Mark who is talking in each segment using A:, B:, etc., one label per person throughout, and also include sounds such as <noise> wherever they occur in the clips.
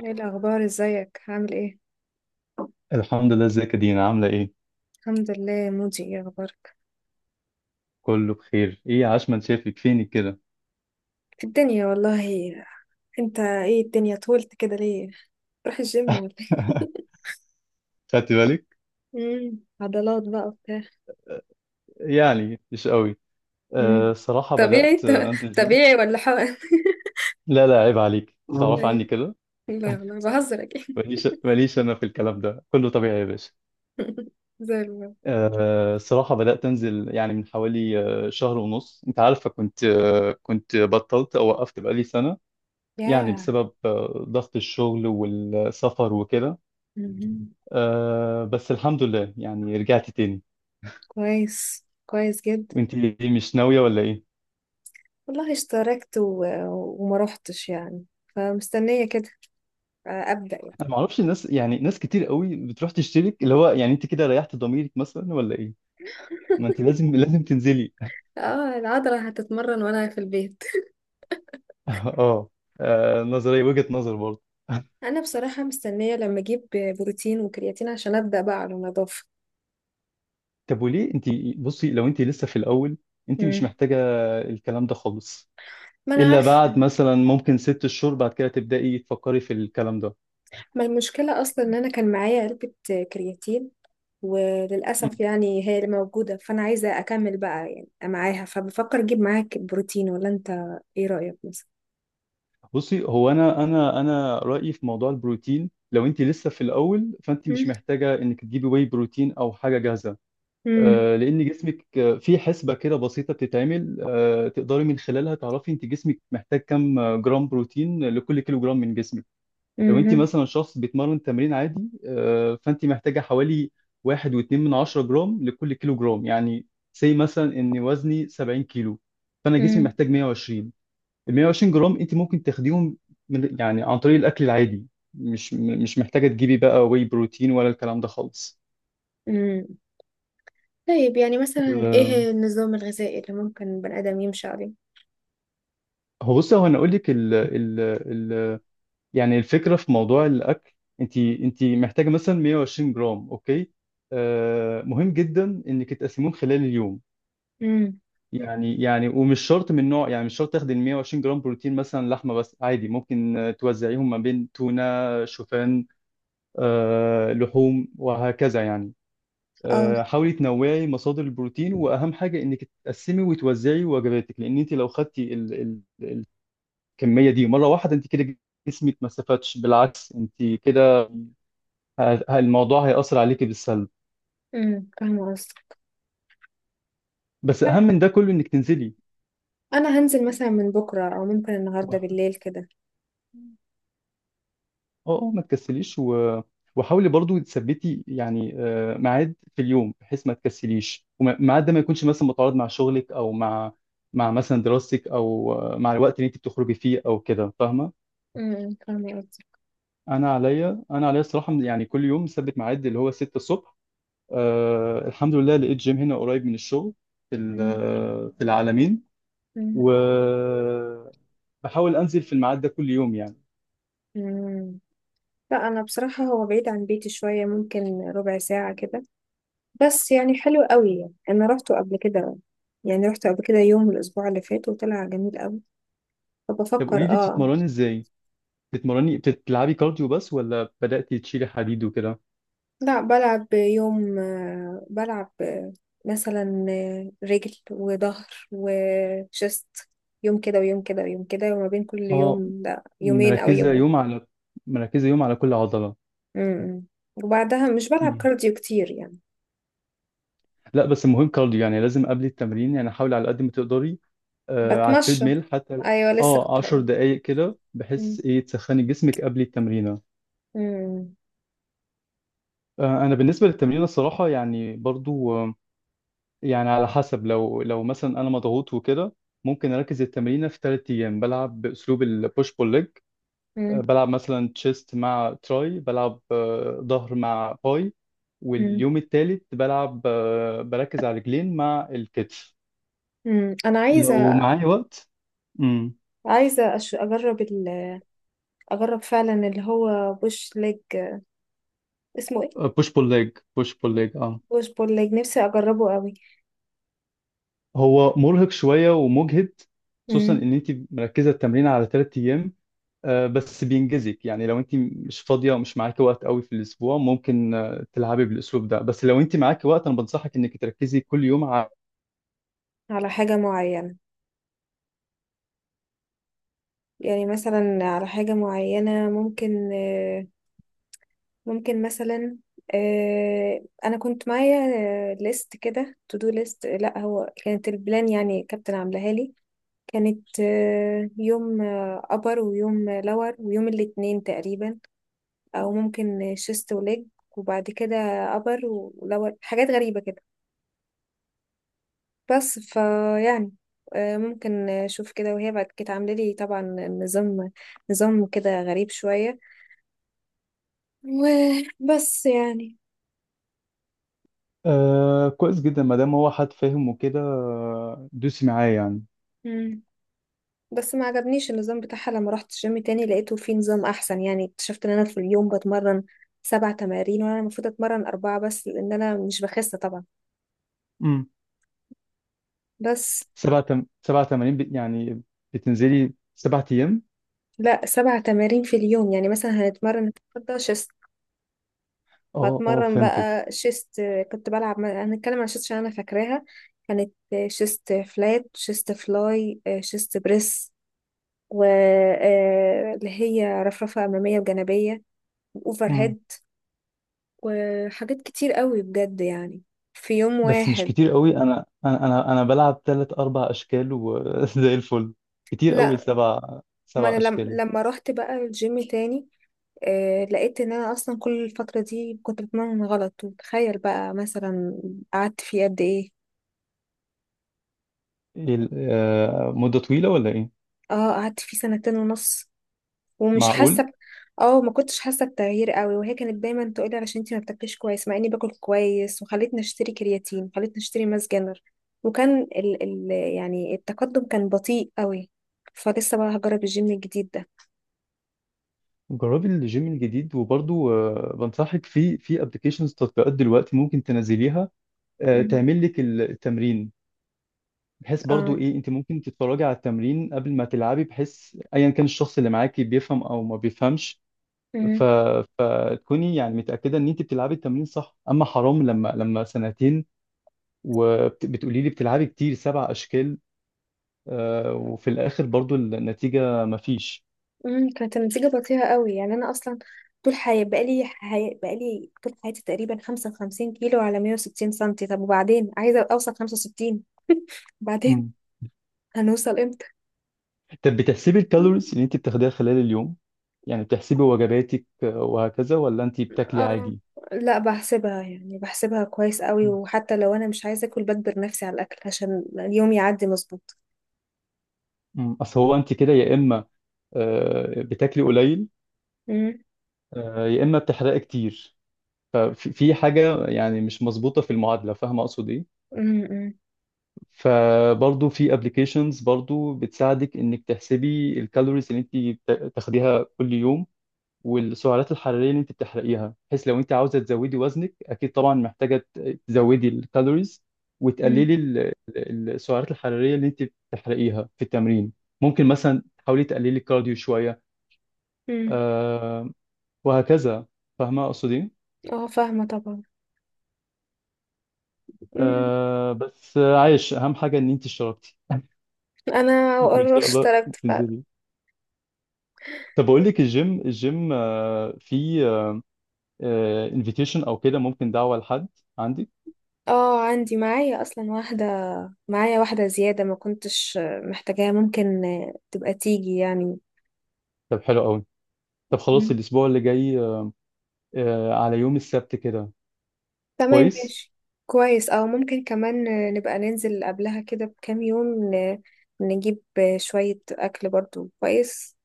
A: ايه الاخبار، ازيك، عامل ايه؟
B: الحمد لله. ازيك يا دينا؟ عاملة ايه؟
A: الحمد لله. مودي، ايه اخبارك؟
B: كله بخير. ايه عشمان؟ شافك فينك كده؟
A: في الدنيا والله. انت ايه، الدنيا طولت كده ليه؟ تروح الجيم ولا ايه؟
B: <laughs>
A: <laughs>
B: خدت بالك؟
A: عضلات بقى وبتاع.
B: يعني مش قوي.
A: مم.
B: أه، صراحة
A: طبيعي
B: بدأت
A: ط-
B: انزل جيم.
A: طبيعي ولا حقن؟
B: لا لا، عيب عليك،
A: <laughs> مم.
B: تعرف عني كده.
A: لا والله، بهزر اكيد.
B: ماليش ماليش، انا في الكلام ده كله طبيعي يا باشا.
A: <laughs> زي الفل.
B: أه، صراحة بدأت انزل يعني من حوالي شهر ونص. انت عارفة كنت بطلت او وقفت بقالي سنة، يعني
A: يا.
B: بسبب ضغط الشغل والسفر وكده.
A: مهم.
B: أه بس الحمد لله يعني رجعت تاني.
A: كويس كويس جدا.
B: وانت إيه، مش ناويه ولا ايه؟
A: والله اشتركت و... وما روحتش يعني، فمستنية كده، أبدأ يعني.
B: انا ما اعرفش، الناس يعني ناس كتير قوي بتروح تشترك، اللي هو يعني انت كده ريحت ضميرك مثلا ولا ايه؟ ما انت لازم تنزلي.
A: اه، العضلة هتتمرن وأنا في البيت.
B: <laughs> اه. نظريه، وجهه نظر برضه. <laughs>
A: انا بصراحه مستنيه لما اجيب بروتين وكرياتين عشان ابدا بقى على نظافه.
B: طب وليه انت؟ بصي، لو انت لسه في الاول، انت
A: مم.
B: مش محتاجه الكلام ده خالص،
A: ما انا
B: الا
A: عارفه.
B: بعد مثلا ممكن 6 شهور بعد كده تبداي تفكري في الكلام ده.
A: ما المشكله اصلا ان انا كان معايا علبه كرياتين، وللاسف
B: مم.
A: يعني هي اللي موجوده، فانا عايزه اكمل بقى يعني معاها. فبفكر اجيب معاك بروتين، ولا انت ايه رايك مثلا؟
B: بصي، هو انا رايي في موضوع البروتين، لو انت لسه في الاول فانت مش
A: مم.
B: محتاجه انك تجيبي واي بروتين او حاجه جاهزه،
A: مم.
B: لان جسمك في حسبه كده بسيطه بتتعمل، تقدري من خلالها تعرفي انت جسمك محتاج كام جرام بروتين لكل كيلو جرام من جسمك. لو انت
A: مم.
B: مثلا شخص بيتمرن تمرين عادي، فانت محتاجه حوالي واحد واتنين من عشرة جرام لكل كيلو جرام. يعني سي مثلا ان وزني 70 كيلو، فانا جسمي
A: مم.
B: محتاج 120. ال 120 جرام انت ممكن تاخديهم من، يعني عن طريق الاكل العادي. مش محتاجه تجيبي بقى واي بروتين ولا الكلام ده خالص.
A: امم. طيب، يعني مثلا
B: آه،
A: ايه النظام الغذائي اللي ممكن البني ادم يمشي عليه؟
B: هو بص، هو انا اقول لك ال يعني الفكره في موضوع الاكل، انت محتاجه مثلا 120 جرام. اوكي، آه مهم جدا انك تقسميهم خلال اليوم.
A: مم.
B: يعني ومش شرط من نوع، يعني مش شرط تاخدي ال 120 جرام بروتين مثلا لحمه بس، عادي ممكن توزعيهم ما بين تونه، شوفان، آه لحوم وهكذا يعني.
A: اه.
B: آه حاولي تنوعي مصادر البروتين، واهم حاجه انك تقسمي وتوزعي وجباتك، لان انت لو خدتي الكميه دي مره واحده، انت كده جسمك ما استفادش، بالعكس انت كده الموضوع هيأثر عليكي بالسلب.
A: فاهمه قصدك.
B: بس
A: طيب،
B: اهم من ده كله انك تنزلي.
A: انا هنزل مثلا من بكره او ممكن النهارده
B: اه،
A: بالليل كده.
B: اه ما تكسليش، وحاولي برضو تثبتي يعني ميعاد في اليوم، بحيث ما تكسليش وميعاد ده ما يكونش مثلا متعارض مع شغلك او مع مثلا دراستك او مع الوقت اللي انت بتخرجي فيه او كده، فاهمه.
A: فاهمه قصدي.
B: انا عليا الصراحه يعني كل يوم مثبت ميعاد اللي هو 6 الصبح. آه الحمد لله لقيت جيم هنا قريب من الشغل،
A: أمم.
B: في العالمين.
A: أمم.
B: وبحاول انزل في الميعاد ده كل يوم يعني.
A: أمم. لا، انا بصراحه هو بعيد عن بيتي شويه، ممكن ربع ساعه كده. بس يعني حلو قوي، يعني انا روحته قبل كده، يعني روحته قبل كده يوم الاسبوع اللي فات وطلع جميل قوي.
B: طب قولي
A: فبفكر،
B: لي،
A: اه.
B: بتتمرني ازاي؟ بتتمرني بتلعبي كارديو بس ولا بدأتي تشيلي حديد وكده؟
A: لا، بلعب يوم، بلعب مثلا رجل وظهر وشست، يوم كده ويوم كده ويوم كده، وما بين كل
B: اه،
A: يوم ده يومين او
B: مركزة
A: يوم.
B: يوم على مركزة يوم على كل عضلة.
A: امم وبعدها مش بلعب
B: مم.
A: كارديو كتير يعني.
B: لا بس المهم كارديو يعني لازم قبل التمرين، يعني حاولي على قد ما تقدري، على التريد
A: بتمشى.
B: ميل حتى،
A: ايوه، لسه
B: اه
A: كنت
B: 10
A: هقول.
B: دقايق كده، بحيث
A: مم.
B: ايه تسخني جسمك قبل التمرين.
A: مم.
B: انا بالنسبه للتمرين الصراحه يعني برضو يعني على حسب، لو مثلا انا مضغوط وكده ممكن اركز التمرينه في 3 ايام، بلعب باسلوب البوش بول ليج،
A: مم.
B: بلعب مثلا تشيست مع تراي، بلعب ظهر مع باي،
A: مم.
B: واليوم الثالث بلعب بركز على رجلين مع الكتف،
A: مم. انا
B: لو
A: عايزه.
B: معايا وقت. امم.
A: عايزه أش... اجرب ال... اجرب فعلا اللي هو بوش ليج. اسمه ايه؟
B: بوش بول ليج بوش بول ليج اه.
A: بوش بول ليج، نفسي اجربه قوي.
B: هو مرهق شويه ومجهد، خصوصا
A: مم.
B: ان انت مركزه التمرين على 3 ايام، بس بينجزك. يعني لو انت مش فاضيه ومش معاكي وقت قوي في الاسبوع، ممكن تلعبي بالاسلوب ده، بس لو انت معاكي وقت انا بنصحك انك تركزي كل يوم على.
A: على حاجه معينه، يعني مثلا على حاجه معينه، ممكن مثلا انا كنت معايا ليست كده، تو دو ليست. لا، هو كانت البلان يعني كابتن عاملاها لي. كانت يوم ابر، ويوم لور، ويوم الاثنين تقريبا، او ممكن شيست وليج. وبعد كده ابر ولور، حاجات غريبة كده. بس فيعني، ممكن اشوف كده، وهي بعد كده عامله لي طبعا نظام نظام كده غريب شوية. وبس يعني.
B: آه كويس جدا، ما دام هو حد فاهم وكده، دوسي معاه يعني.
A: مم. بس ما عجبنيش النظام بتاعها. لما رحت الجيم تاني، لقيته فيه نظام احسن. يعني اكتشفت ان انا في اليوم بتمرن سبع تمارين، وانا المفروض اتمرن اربعة بس، لان انا مش بخس طبعا.
B: امم.
A: بس.
B: 7 تمارين يعني بتنزلي 7 ايام؟
A: لا، سبع تمارين في اليوم، يعني مثلا هنتمرن النهارده شيست،
B: اه اه
A: فاتمرن
B: فهمتك.
A: بقى شيست. كنت بلعب، هنتكلم عن شيست عشان انا فاكراها. كانت شيست فلات، شيست فلاي، شيست بريس، واللي هي رفرفة أمامية وجانبية، اوفر
B: امم.
A: هيد، وحاجات كتير قوي بجد يعني، في يوم
B: بس مش
A: واحد.
B: كتير قوي، انا بلعب ثلاث اربع اشكال وزي <laughs> الفل. كتير قوي
A: لا،
B: سبع
A: ما
B: سبع
A: انا لم...
B: اشكال؟
A: لما رحت بقى الجيم تاني، لقيت ان انا اصلا كل الفترة دي كنت بتمرن غلط. وتخيل بقى مثلا، قعدت فيه قد ايه؟
B: إيه مدة طويلة ولا ايه؟
A: اه، قعدت فيه سنتين ونص، ومش
B: معقول؟
A: حاسة. اه، ما كنتش حاسة بتغيير قوي. وهي كانت دايما تقولي علشان انتي ما بتاكليش كويس، مع اني باكل كويس، وخلتني اشتري كرياتين، وخلتني اشتري ماس جينر. وكان ال... ال... يعني التقدم كان بطيء قوي. فلسه بقى هجرب الجيم الجديد ده.
B: جربي الجيم الجديد، وبرضو بنصحك في ابلكيشنز تطبيقات دلوقتي ممكن تنزليها،
A: مم.
B: تعمل لك التمرين، بحيث
A: اه.
B: برضو ايه انت ممكن تتفرجي على التمرين قبل ما تلعبي، بحيث ايا كان الشخص اللي معاكي بيفهم او ما بيفهمش. ف...
A: مم.
B: فتكوني يعني متأكدة ان انت بتلعبي التمرين صح. اما حرام، لما سنتين وبتقولي لي بتلعبي كتير 7 اشكال، وفي الاخر برضو النتيجة مفيش.
A: مم. كانت النتيجة بطيئة قوي. يعني أنا أصلا طول حياتي بقالي حي... بقالي طول حياتي تقريبا 55 كيلو على 160 سنتي. طب وبعدين عايزة أوصل 65. بعدين <laughs> هنوصل امتى؟
B: طب بتحسبي الكالوريز اللي انت بتاخديها خلال اليوم؟ يعني بتحسبي وجباتك وهكذا، ولا انت بتاكلي
A: اه.
B: عادي؟
A: لا، بحسبها، يعني بحسبها كويس قوي. وحتى لو أنا مش عايزة أكل، بجبر نفسي على الأكل عشان اليوم يعدي مظبوط.
B: مم. اصل هو انت كده يا اما بتاكلي قليل،
A: مم.
B: يا اما بتحرقي كتير. ففي حاجه يعني مش مظبوطه في المعادله، فاهمه اقصد ايه؟
A: مم. مم.
B: فبرضه في ابلكيشنز برضه بتساعدك انك تحسبي الكالوريز اللي انت تاخديها كل يوم، والسعرات الحراريه اللي انت بتحرقيها. بحيث لو انت عاوزه تزودي وزنك، اكيد طبعا محتاجه تزودي الكالوريز وتقللي
A: مم.
B: السعرات الحراريه اللي انت بتحرقيها في التمرين. ممكن مثلا تحاولي تقللي الكارديو شويه،
A: مم.
B: آه وهكذا. فاهمه اقصد ايه؟
A: اه، فاهمة طبعا. مم.
B: آه بس عايش اهم حاجه ان انت اشتركتي.
A: أنا
B: <laughs> وان شاء الله
A: اشتركت فعلا.
B: تنزلي. طب اقول لك، الجيم في انفيتيشن او كده، ممكن دعوه لحد عندي.
A: اه، عندي، معايا اصلا واحده. معايا واحدة زيادة، ما كنتش محتاجاها، ممكن تبقى تيجي يعني.
B: طب حلو قوي. طب خلاص
A: مم.
B: الاسبوع اللي جاي، على يوم السبت كده.
A: تمام
B: كويس.
A: ماشي. كويس، أو ممكن كمان نبقى ننزل قبلها كده بكام يوم، ن- نجيب شوية أكل برضو كويس،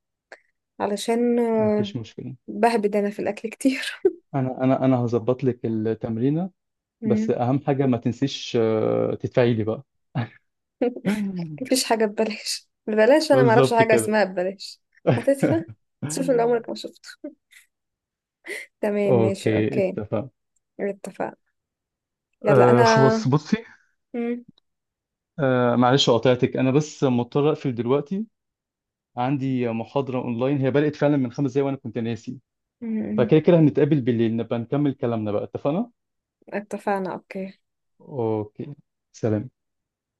A: علشان
B: مفيش مشكلة.
A: بهبد أنا في الأكل كتير.
B: انا هظبط لك التمرينة، بس
A: مم.
B: اهم حاجة ما تنسيش تدفعي لي بقى.
A: <laughs> مفيش
B: <laughs>
A: حاجة ببلاش. ببلاش؟ أنا معرفش
B: بالظبط
A: حاجة
B: كده.
A: اسمها ببلاش. هتدفع،
B: <laughs>
A: شوف اللي عمرك ما شفته. تمام، ماشي،
B: اوكي
A: أوكي.
B: اتفق.
A: اتفقنا. يلا،
B: أه
A: أنا.
B: خلاص بصي.
A: مم.
B: أه معلش قاطعتك، انا بس مضطر اقفل دلوقتي، عندي محاضرة اونلاين هي بدأت فعلا من 5 دقايق وانا كنت ناسي.
A: مم.
B: فكده كده هنتقابل بالليل، نبقى نكمل كلامنا بقى. اتفقنا؟
A: اتفقنا، أوكي.
B: اوكي. سلام.